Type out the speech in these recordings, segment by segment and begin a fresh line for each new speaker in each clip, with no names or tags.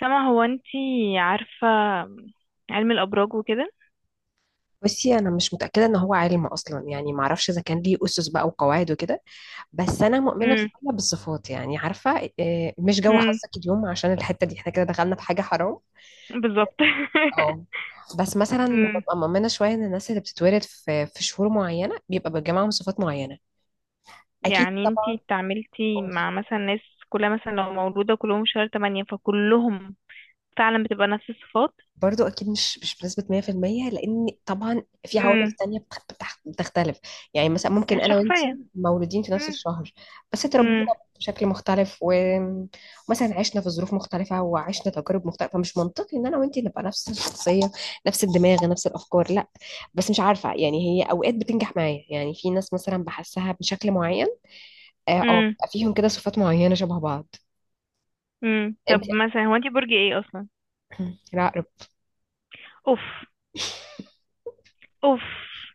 سما، هو انتي عارفة علم الأبراج وكده؟
بصي، انا مش متاكده ان هو علم اصلا. يعني ما اعرفش اذا كان ليه اسس بقى وقواعد وكده. بس انا مؤمنه
امم
شويه بالصفات، يعني عارفه، مش جو
امم
حظك اليوم، عشان الحته دي احنا كده دخلنا في حاجه حرام.
بالظبط.
اه، بس مثلا
امم
ببقى مؤمنه شويه ان الناس اللي بتتولد في شهور معينه بيبقى بيجمعهم صفات معينه. اكيد.
يعني انتي اتعاملتي
طبعا.
مع مثلا ناس كلها، مثلا لو مولودة كلهم شهر 8، فكلهم فعلا بتبقى نفس الصفات؟
برضو اكيد مش بنسبه 100%، لان طبعا في عوامل
امم
تانية بتختلف. يعني مثلا ممكن انا وانتي
الشخصية.
مولودين في نفس
امم
الشهر، بس اتربينا
امم
بشكل مختلف ومثلا عشنا في ظروف مختلفه وعشنا تجارب مختلفه. فمش منطقي ان انا وانتي نبقى نفس الشخصيه، نفس الدماغ، نفس الافكار. لا. بس مش عارفه، يعني هي اوقات بتنجح معايا. يعني في ناس مثلا بحسها بشكل معين.
امم
بيبقى فيهم كده صفات معينه شبه بعض.
طب
انتي؟
مثلا، هو انتي برج ايه أصلا؟
لا.
اوف، اوف!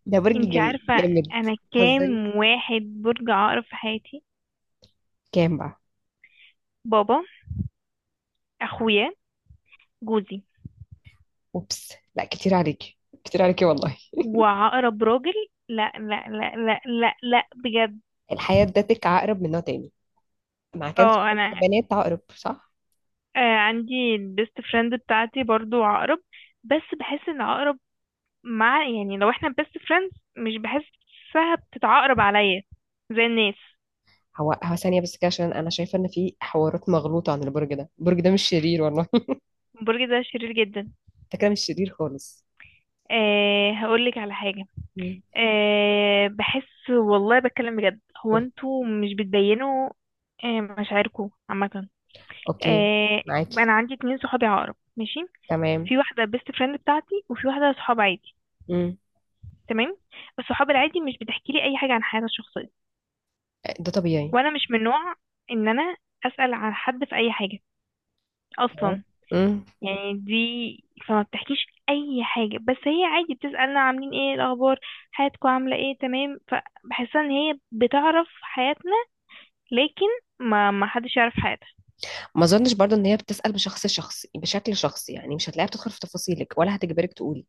ده برج
انتي عارفة
جامد.
انا
بتهزري؟
كام واحد برج عقرب في حياتي؟
كام بقى؟
بابا، اخويا، جوزي،
اوبس، لا كتير عليكي، كتير عليكي والله.
وعقرب راجل. لا، لا، لا، لا، لا، لا، بجد.
الحياة ادتك عقرب من نوع تاني. ما كانش
اه.
عندك
انا
بنات عقرب، صح؟
عندي البيست فريند بتاعتي برضو عقرب. بس بحس ان عقرب، مع يعني لو احنا بيست فريندز، مش بحسها بتتعقرب عليا زي الناس.
هو ثانية بس كده، عشان انا شايفة ان في حوارات مغلوطة عن البرج ده. البرج ده مش شرير والله
برج ده شرير جدا.
ده كده مش شرير خالص.
أه، هقولك على حاجة.
مم.
أه، بحس والله، بتكلم بجد. هو انتوا مش بتبينوا مشاعركم عامة؟
اوكي.
آه،
معاكي.
انا عندي اتنين صحابي عقرب. ماشي.
تمام.
في واحده بيست فريند بتاعتي، وفي واحده صحاب عادي.
مم.
تمام. الصحاب العادي مش بتحكي لي اي حاجه عن حياتها الشخصيه،
ده طبيعي.
وانا مش من نوع ان انا اسال عن حد في اي حاجه
تمام.
اصلا.
مم.
يعني دي، فما بتحكيش اي حاجه، بس هي عادي بتسالنا عاملين ايه الاخبار، حياتكم عامله ايه، تمام، فبحسها ان هي بتعرف حياتنا، لكن ما حدش يعرف حياتها.
ما اظنش برضو ان هي بتسأل بشخص شخص بشكل شخصي. يعني مش هتلاقيها بتدخل في تفاصيلك ولا هتجبرك تقولي.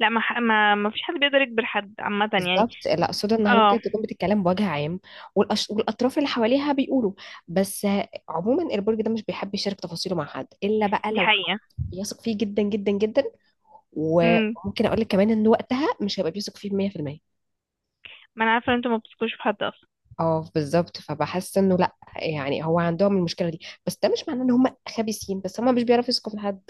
لا، ما ح- ما ما فيش حد بيقدر يكبر حد عامه يعني.
بالظبط. لا اقصد انها
اه،
ممكن تكون بتتكلم بوجه عام. والاطراف اللي حواليها بيقولوا. بس عموما البرج ده مش بيحب يشارك تفاصيله مع حد، الا بقى
دي
لو حد
حقيقه.
بيثق فيه جدا جدا جدا.
امم
وممكن اقول لك كمان ان وقتها مش هيبقى بيثق فيه 100%.
ما انا عارفه ان انتوا ما بتثقوش في حد اصلا.
اه، بالظبط. فبحس انه لا يعني، هو عندهم المشكله دي. بس ده مش معناه ان هم خبيثين، بس هم مش بيعرفوا يثقوا في حد.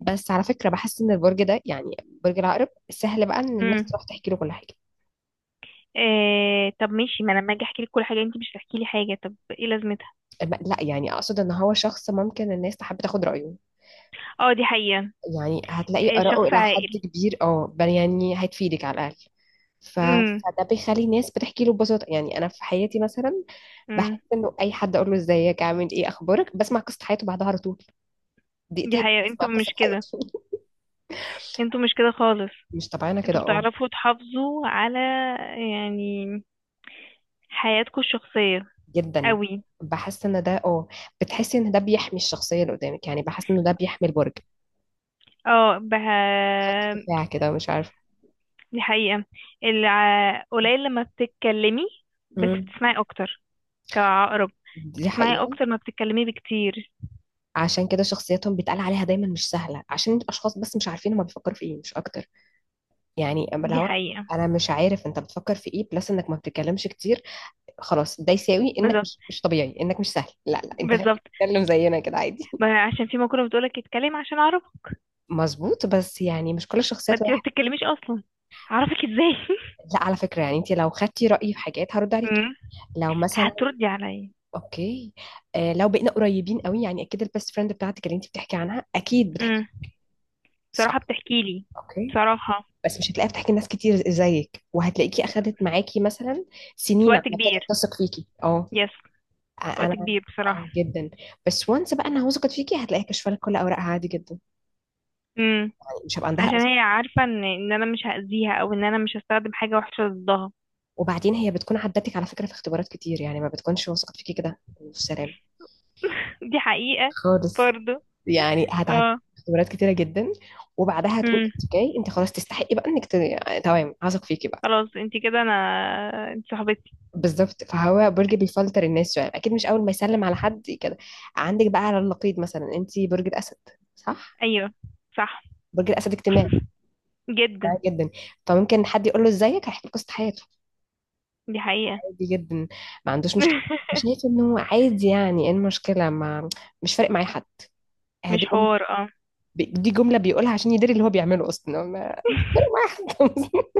بس على فكره بحس ان البرج ده، يعني برج العقرب، سهل بقى ان الناس
امم
تروح تحكي له كل حاجه.
إيه؟ طب ماشي، ما انا لما اجي احكي لك كل حاجه انت مش هتحكي لي حاجه، طب ايه لازمتها؟
لا يعني اقصد ان هو شخص ممكن الناس تحب تاخد رايه.
اه، دي حقيقه.
يعني هتلاقي
إيه،
آراءه
شخص
إلى
عاقل.
حد كبير، اه بل يعني هتفيدك على الأقل.
امم
فده بيخلي الناس بتحكي له ببساطة. يعني أنا في حياتي مثلا،
امم
بحس إنه أي حد أقول له إزيك عامل إيه أخبارك، بسمع قصة حياته بعدها على طول.
دي
دقيقتين
حقيقه.
بسمع
انتوا
قصة
مش كده،
حياته
انتوا مش كده خالص.
مش طبيعية كده،
انتوا
اه،
بتعرفوا تحافظوا على يعني حياتكم الشخصيه
جدا.
قوي.
بحس إن ده اه بتحسي إن ده بيحمي الشخصية اللي قدامك. يعني بحس إنه ده بيحمي البرج.
اه، بها.
خط دفاع كده، مش عارفة.
دي حقيقه. قليل لما بتتكلمي، بس
مم.
بتسمعي اكتر كعقرب.
دي
بتسمعي
حقيقة.
اكتر ما بتتكلمي بكتير.
عشان كده شخصياتهم بيتقال عليها دايما مش سهلة، عشان الأشخاص بس مش عارفين هما بيفكروا في إيه، مش أكتر. يعني اما اللي
دي
هو،
حقيقه.
انا مش عارف انت بتفكر في ايه، بلس انك ما بتتكلمش كتير. خلاص ده يساوي انك
بالظبط،
مش طبيعي، انك مش سهل. لا لا، انت
بالظبط.
بتتكلم زينا كده عادي.
ما عشان في مقولة بتقولك: اتكلم عشان اعرفك.
مظبوط، بس يعني مش كل الشخصيات
فانت ما
واحد.
بتتكلميش اصلا، اعرفك ازاي؟
لا على فكرة، يعني انت لو خدتي رأيي في حاجات هرد عليكي.
امم
لو مثلا.
هتردي عليا؟
اوكي. آه، لو بقينا قريبين قوي، يعني اكيد البيست فريند بتاعتك اللي انت بتحكي عنها اكيد بتحكي.
امم بصراحة
صح؟
بتحكي لي.
اوكي.
بصراحة،
بس مش هتلاقيها بتحكي لناس كتير زيك، وهتلاقيكي اخدت معاكي مثلا سنين
وقت
عم
كبير.
تثق فيكي. اه.
يس، وقت
انا.
كبير
اه
بصراحة.
جدا. بس وانس بقى انها وثقت فيكي، هتلاقيها كشفه لك كل اوراقها عادي جدا.
امم
يعني مش هيبقى عندها
عشان
ازمه.
هي عارفة ان انا مش هأذيها، او ان انا مش هستخدم حاجة وحشة ضدها.
وبعدين هي بتكون عدتك على فكره في اختبارات كتير، يعني ما بتكونش وثقت فيكي كده في سلام
دي حقيقة
خالص.
برضو.
يعني هتعدي
اه.
اختبارات كتيره جدا. وبعدها هتقول
امم
انت جاي، انت خلاص تستحقي بقى انك تمام، هثق فيكي بقى.
خلاص، انت كده. انا انت صاحبتي.
بالظبط، فهو برج بيفلتر الناس شويه، اكيد مش اول ما يسلم على حد كده. عندك بقى على النقيض مثلا انت برج الاسد، صح؟
ايوه، صح
برج الاسد اجتماعي،
جدا.
اجتماعي جدا. فممكن حد يقول له ازيك، هيحكي لك قصه حياته،
دي حقيقة.
عادي جدا، ما عندوش مشكله. شايف انه عادي. يعني ايه المشكله؟ ما مش فارق معايا حد.
مش
هدي جملة.
حوار اه.
دي جمله بيقولها عشان يدري اللي هو بيعمله. اصلا هو واحد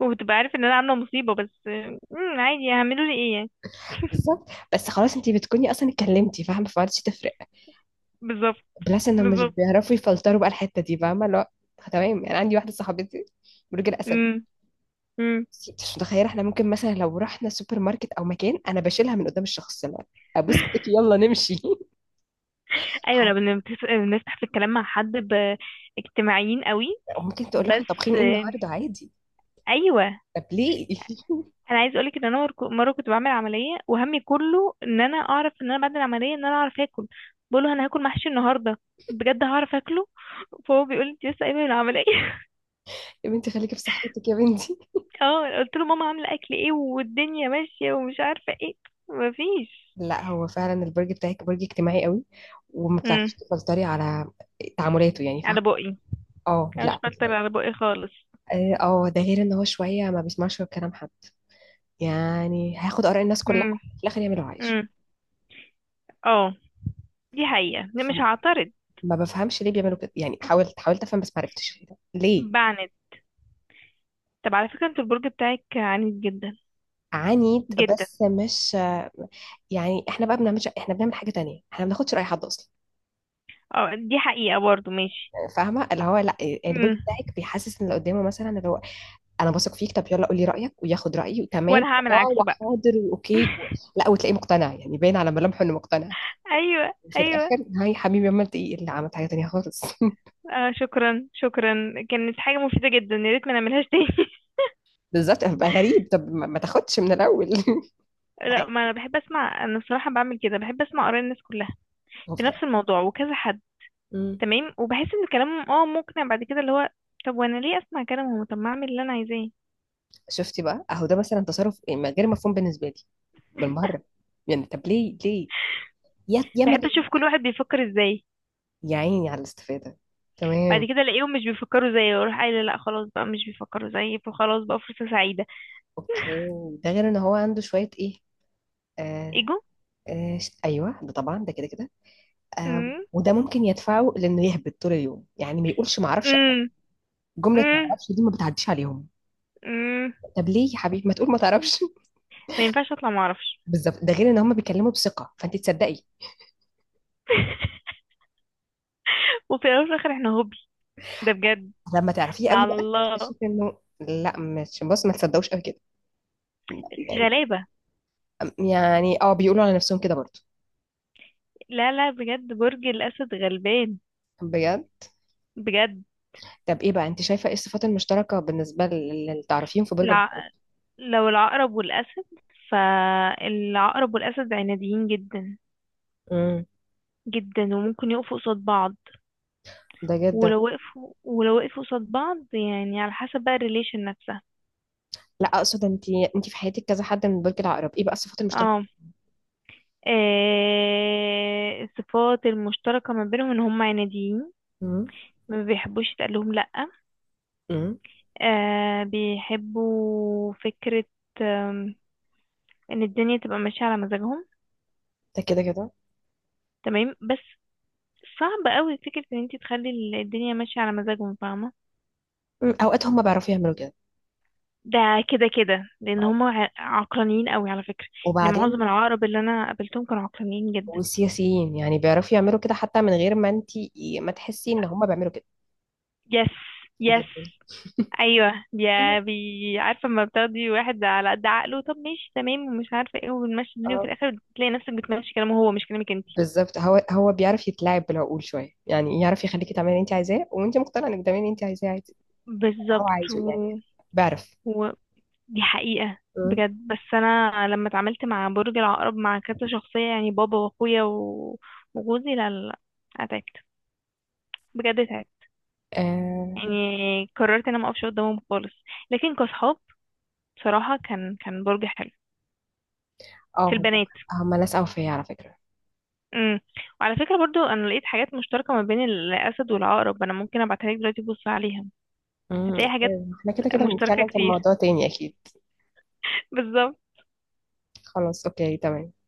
وبتبقى عارف ان انا عامله مصيبه، بس عادي، هعملوا لي ايه يعني؟
بالظبط. بس خلاص انت بتكوني اصلا اتكلمتي فاهمه، فمعرفتش تفرق.
بالظبط،
بلس انه مش
بالظبط.
بيعرفوا يفلتروا بقى الحته دي، فاهمه؟ لا. تمام يعني. عندي واحده صاحبتي برج الاسد.
امم امم
مش متخيله. احنا ممكن مثلا لو رحنا سوبر ماركت او مكان، انا بشيلها من قدام الشخص. لا ابوس ايدك، يلا نمشي
ايوه، لو بنفتح في الكلام مع حد اجتماعيين قوي.
وممكن تقول له
بس
احنا طابخين ايه النهارده، عادي.
ايوه.
طب ليه؟
انا عايز اقولك ان انا مره كنت بعمل عمليه، وهمي كله ان انا اعرف، ان انا بعد العمليه ان انا اعرف اكل. بقوله: انا هاكل محشي النهارده بجد، هعرف اكله؟ فهو بيقول لي: انت لسه قايمه من العمليه؟
يا بنتي خليكي في صحتك يا بنتي.
اه، قلت له: ماما عامله اكل ايه، والدنيا ماشيه، ومش عارفه ايه. مفيش.
لا هو فعلا البرج بتاعك برج اجتماعي قوي، وما بتعرفيش تسيطري على تعاملاته، يعني فاهمه؟
على بقي.
اه.
انا مش
لا
بفلتر
بتلاقي.
على بقي خالص.
ده غير ان هو شويه ما بيسمعش غير كلام حد. يعني هياخد اراء الناس كلها،
امم
في الاخر يعمل اللي هو عايزه.
امم اه، دي حقيقة، لا مش
فم-
هعترض.
ما بفهمش ليه بيعملوا كده. يعني حاولت افهم، بس ما عرفتش ليه.
بعند. طب على فكرة، انت البرج بتاعك عنيد جدا.
عنيد،
جدا.
بس مش يعني. احنا بقى بنعملش، احنا بنعمل حاجه تانية. احنا ما بناخدش راي حد اصلا.
اه، دي حقيقة برضو. ماشي.
فاهمه؟ اللي هو لا يعني، البرج
امم
بتاعك بيحسس ان اللي قدامه مثلا، اللي هو انا بثق فيك، طب يلا قولي رايك، وياخد رايي وتمام
وانا هعمل
اه،
عكسه بقى.
وحاضر، واوكي، لا، وتلاقيه مقتنع يعني، باين على ملامحه انه مقتنع.
ايوه،
وفي
ايوه.
الاخر، هاي حبيبي، ما انت ايه اللي عملت؟ حاجه تانية خالص.
آه، شكرا، شكرا. كانت حاجة مفيدة جدا، يا ريت ما نعملهاش تاني.
بالظبط. هبقى غريب، طب ما تاخدش من الاول
لا، ما
عادي،
انا بحب اسمع. انا الصراحة بعمل كده، بحب اسمع اراء الناس كلها
هو
في
في الآخر.
نفس الموضوع وكذا حد.
مم.
تمام، وبحس ان كلامهم مقنع بعد كده، اللي هو طب وانا ليه اسمع كلامهم؟ طب ما اعمل اللي انا عايزاه.
شفتي بقى، اهو ده مثلا تصرف غير مفهوم بالنسبه لي بالمره. يعني طب ليه؟ ليه؟ يا ما
بحب
ت-
اشوف كل واحد بيفكر ازاي.
يا عيني على الاستفاده.
بعد
تمام.
كده الاقيهم مش بيفكروا زيي، واروح قايله: لا خلاص بقى مش بيفكروا زيي، فخلاص بقى فرصه سعيده.
اوكي. ده غير ان هو عنده شويه ايه، آه
ايجو.
ايوه ده طبعا، ده كده كده. آه،
امم
وده ممكن يدفعه لانه يهبط طول اليوم. يعني ما يقولش ما اعرفش أنا.
امم
جمله ما
امم
اعرفش دي، ما بتعديش عليهم.
امم
طب ليه يا حبيبي ما تقول ما تعرفش؟
ما ينفعش اطلع ما اعرفش.
بالظبط. ده غير ان هم بيتكلموا بثقه فانت تصدقي.
وفي الاول وفي الاخر احنا هوبي. ده بجد.
لما تعرفيه
إحنا
قوي
على
بقى،
الله.
تكتشفي انه لا، مش بص ما تصدقوش قوي كده يعني.
غلابه.
يعني، اه، بيقولوا على نفسهم كده برضه.
لا، لا، بجد برج الاسد غلبان.
بجد.
بجد.
طب ايه بقى، انت شايفه ايه الصفات المشتركه بالنسبه للتعرفيهم في برج العقرب؟
الع... لو العقرب والاسد، فالعقرب والاسد عناديين جدا.
امم.
جدا. وممكن يقفوا قصاد بعض.
ده جدا.
ولو وقفوا قصاد بعض يعني على حسب بقى الريليشن نفسها.
لا اقصد، انت في حياتك كذا حد من برج العقرب، ايه بقى الصفات المشتركه؟
اه. الصفات المشتركة ما بينهم ان هم عناديين،
امم.
ما بيحبوش يتقال لهم لأ.
امم.
بيحبوا فكرة آم، ان الدنيا تبقى ماشية على مزاجهم.
ده كده كده.
تمام، بس صعب قوي فكرة ان انت تخلي الدنيا ماشية على مزاجهم، فاهمة؟
مم، اوقات هم بيعرفوا يعملوا كده.
ده كده كده، لان
نعم.
هم عقلانيين قوي على فكرة. يعني معظم
وبعدين،
العقرب اللي انا قابلتهم كانوا عقلانيين جدا.
والسياسيين يعني بيعرفوا يعملوا كده حتى من غير ما انت، ما تحسي ان هم بيعملوا كده.
يس، يس.
جدا.
ايوه
ايوه.
يا بي. عارفه لما بتاخدي واحد على قد عقله، طب ماشي تمام ومش عارفه ايه، وبنمشي الدنيا، وفي
اه
الاخر بتلاقي نفسك بتمشي كلامه هو، مش كلامك انت.
بالظبط. هو بيعرف يتلاعب بالعقول شويه، يعني يعرف يخليكي تعملي اللي انت عايزاه وانت مقتنعه انك تعملي اللي انت عايزاه عادي. اللي هو
بالظبط.
عايزه يعني. بيعرف.
و... دي حقيقه.
مم.
بجد. بس انا لما اتعاملت مع برج العقرب مع كذا شخصيه، يعني بابا واخويا وجوزي، لا، لا، لا، اتعبت. بجد اتعبت.
اه.
يعني قررت ان انا ما اقفش قدامهم خالص. لكن كصحاب، بصراحه كان برج حلو في
آه. هم
البنات.
هم ناس اوفياء على فكره.
امم وعلى فكرة برضو، انا لقيت حاجات مشتركة ما بين الاسد والعقرب. انا ممكن ابعتها لك دلوقتي، بص عليها.
مم.
هتلاقي حاجات
احنا كده كده
مشتركة
هنتكلم في
كتير.
الموضوع تاني اكيد.
بالظبط.
خلاص. اوكي. تمام.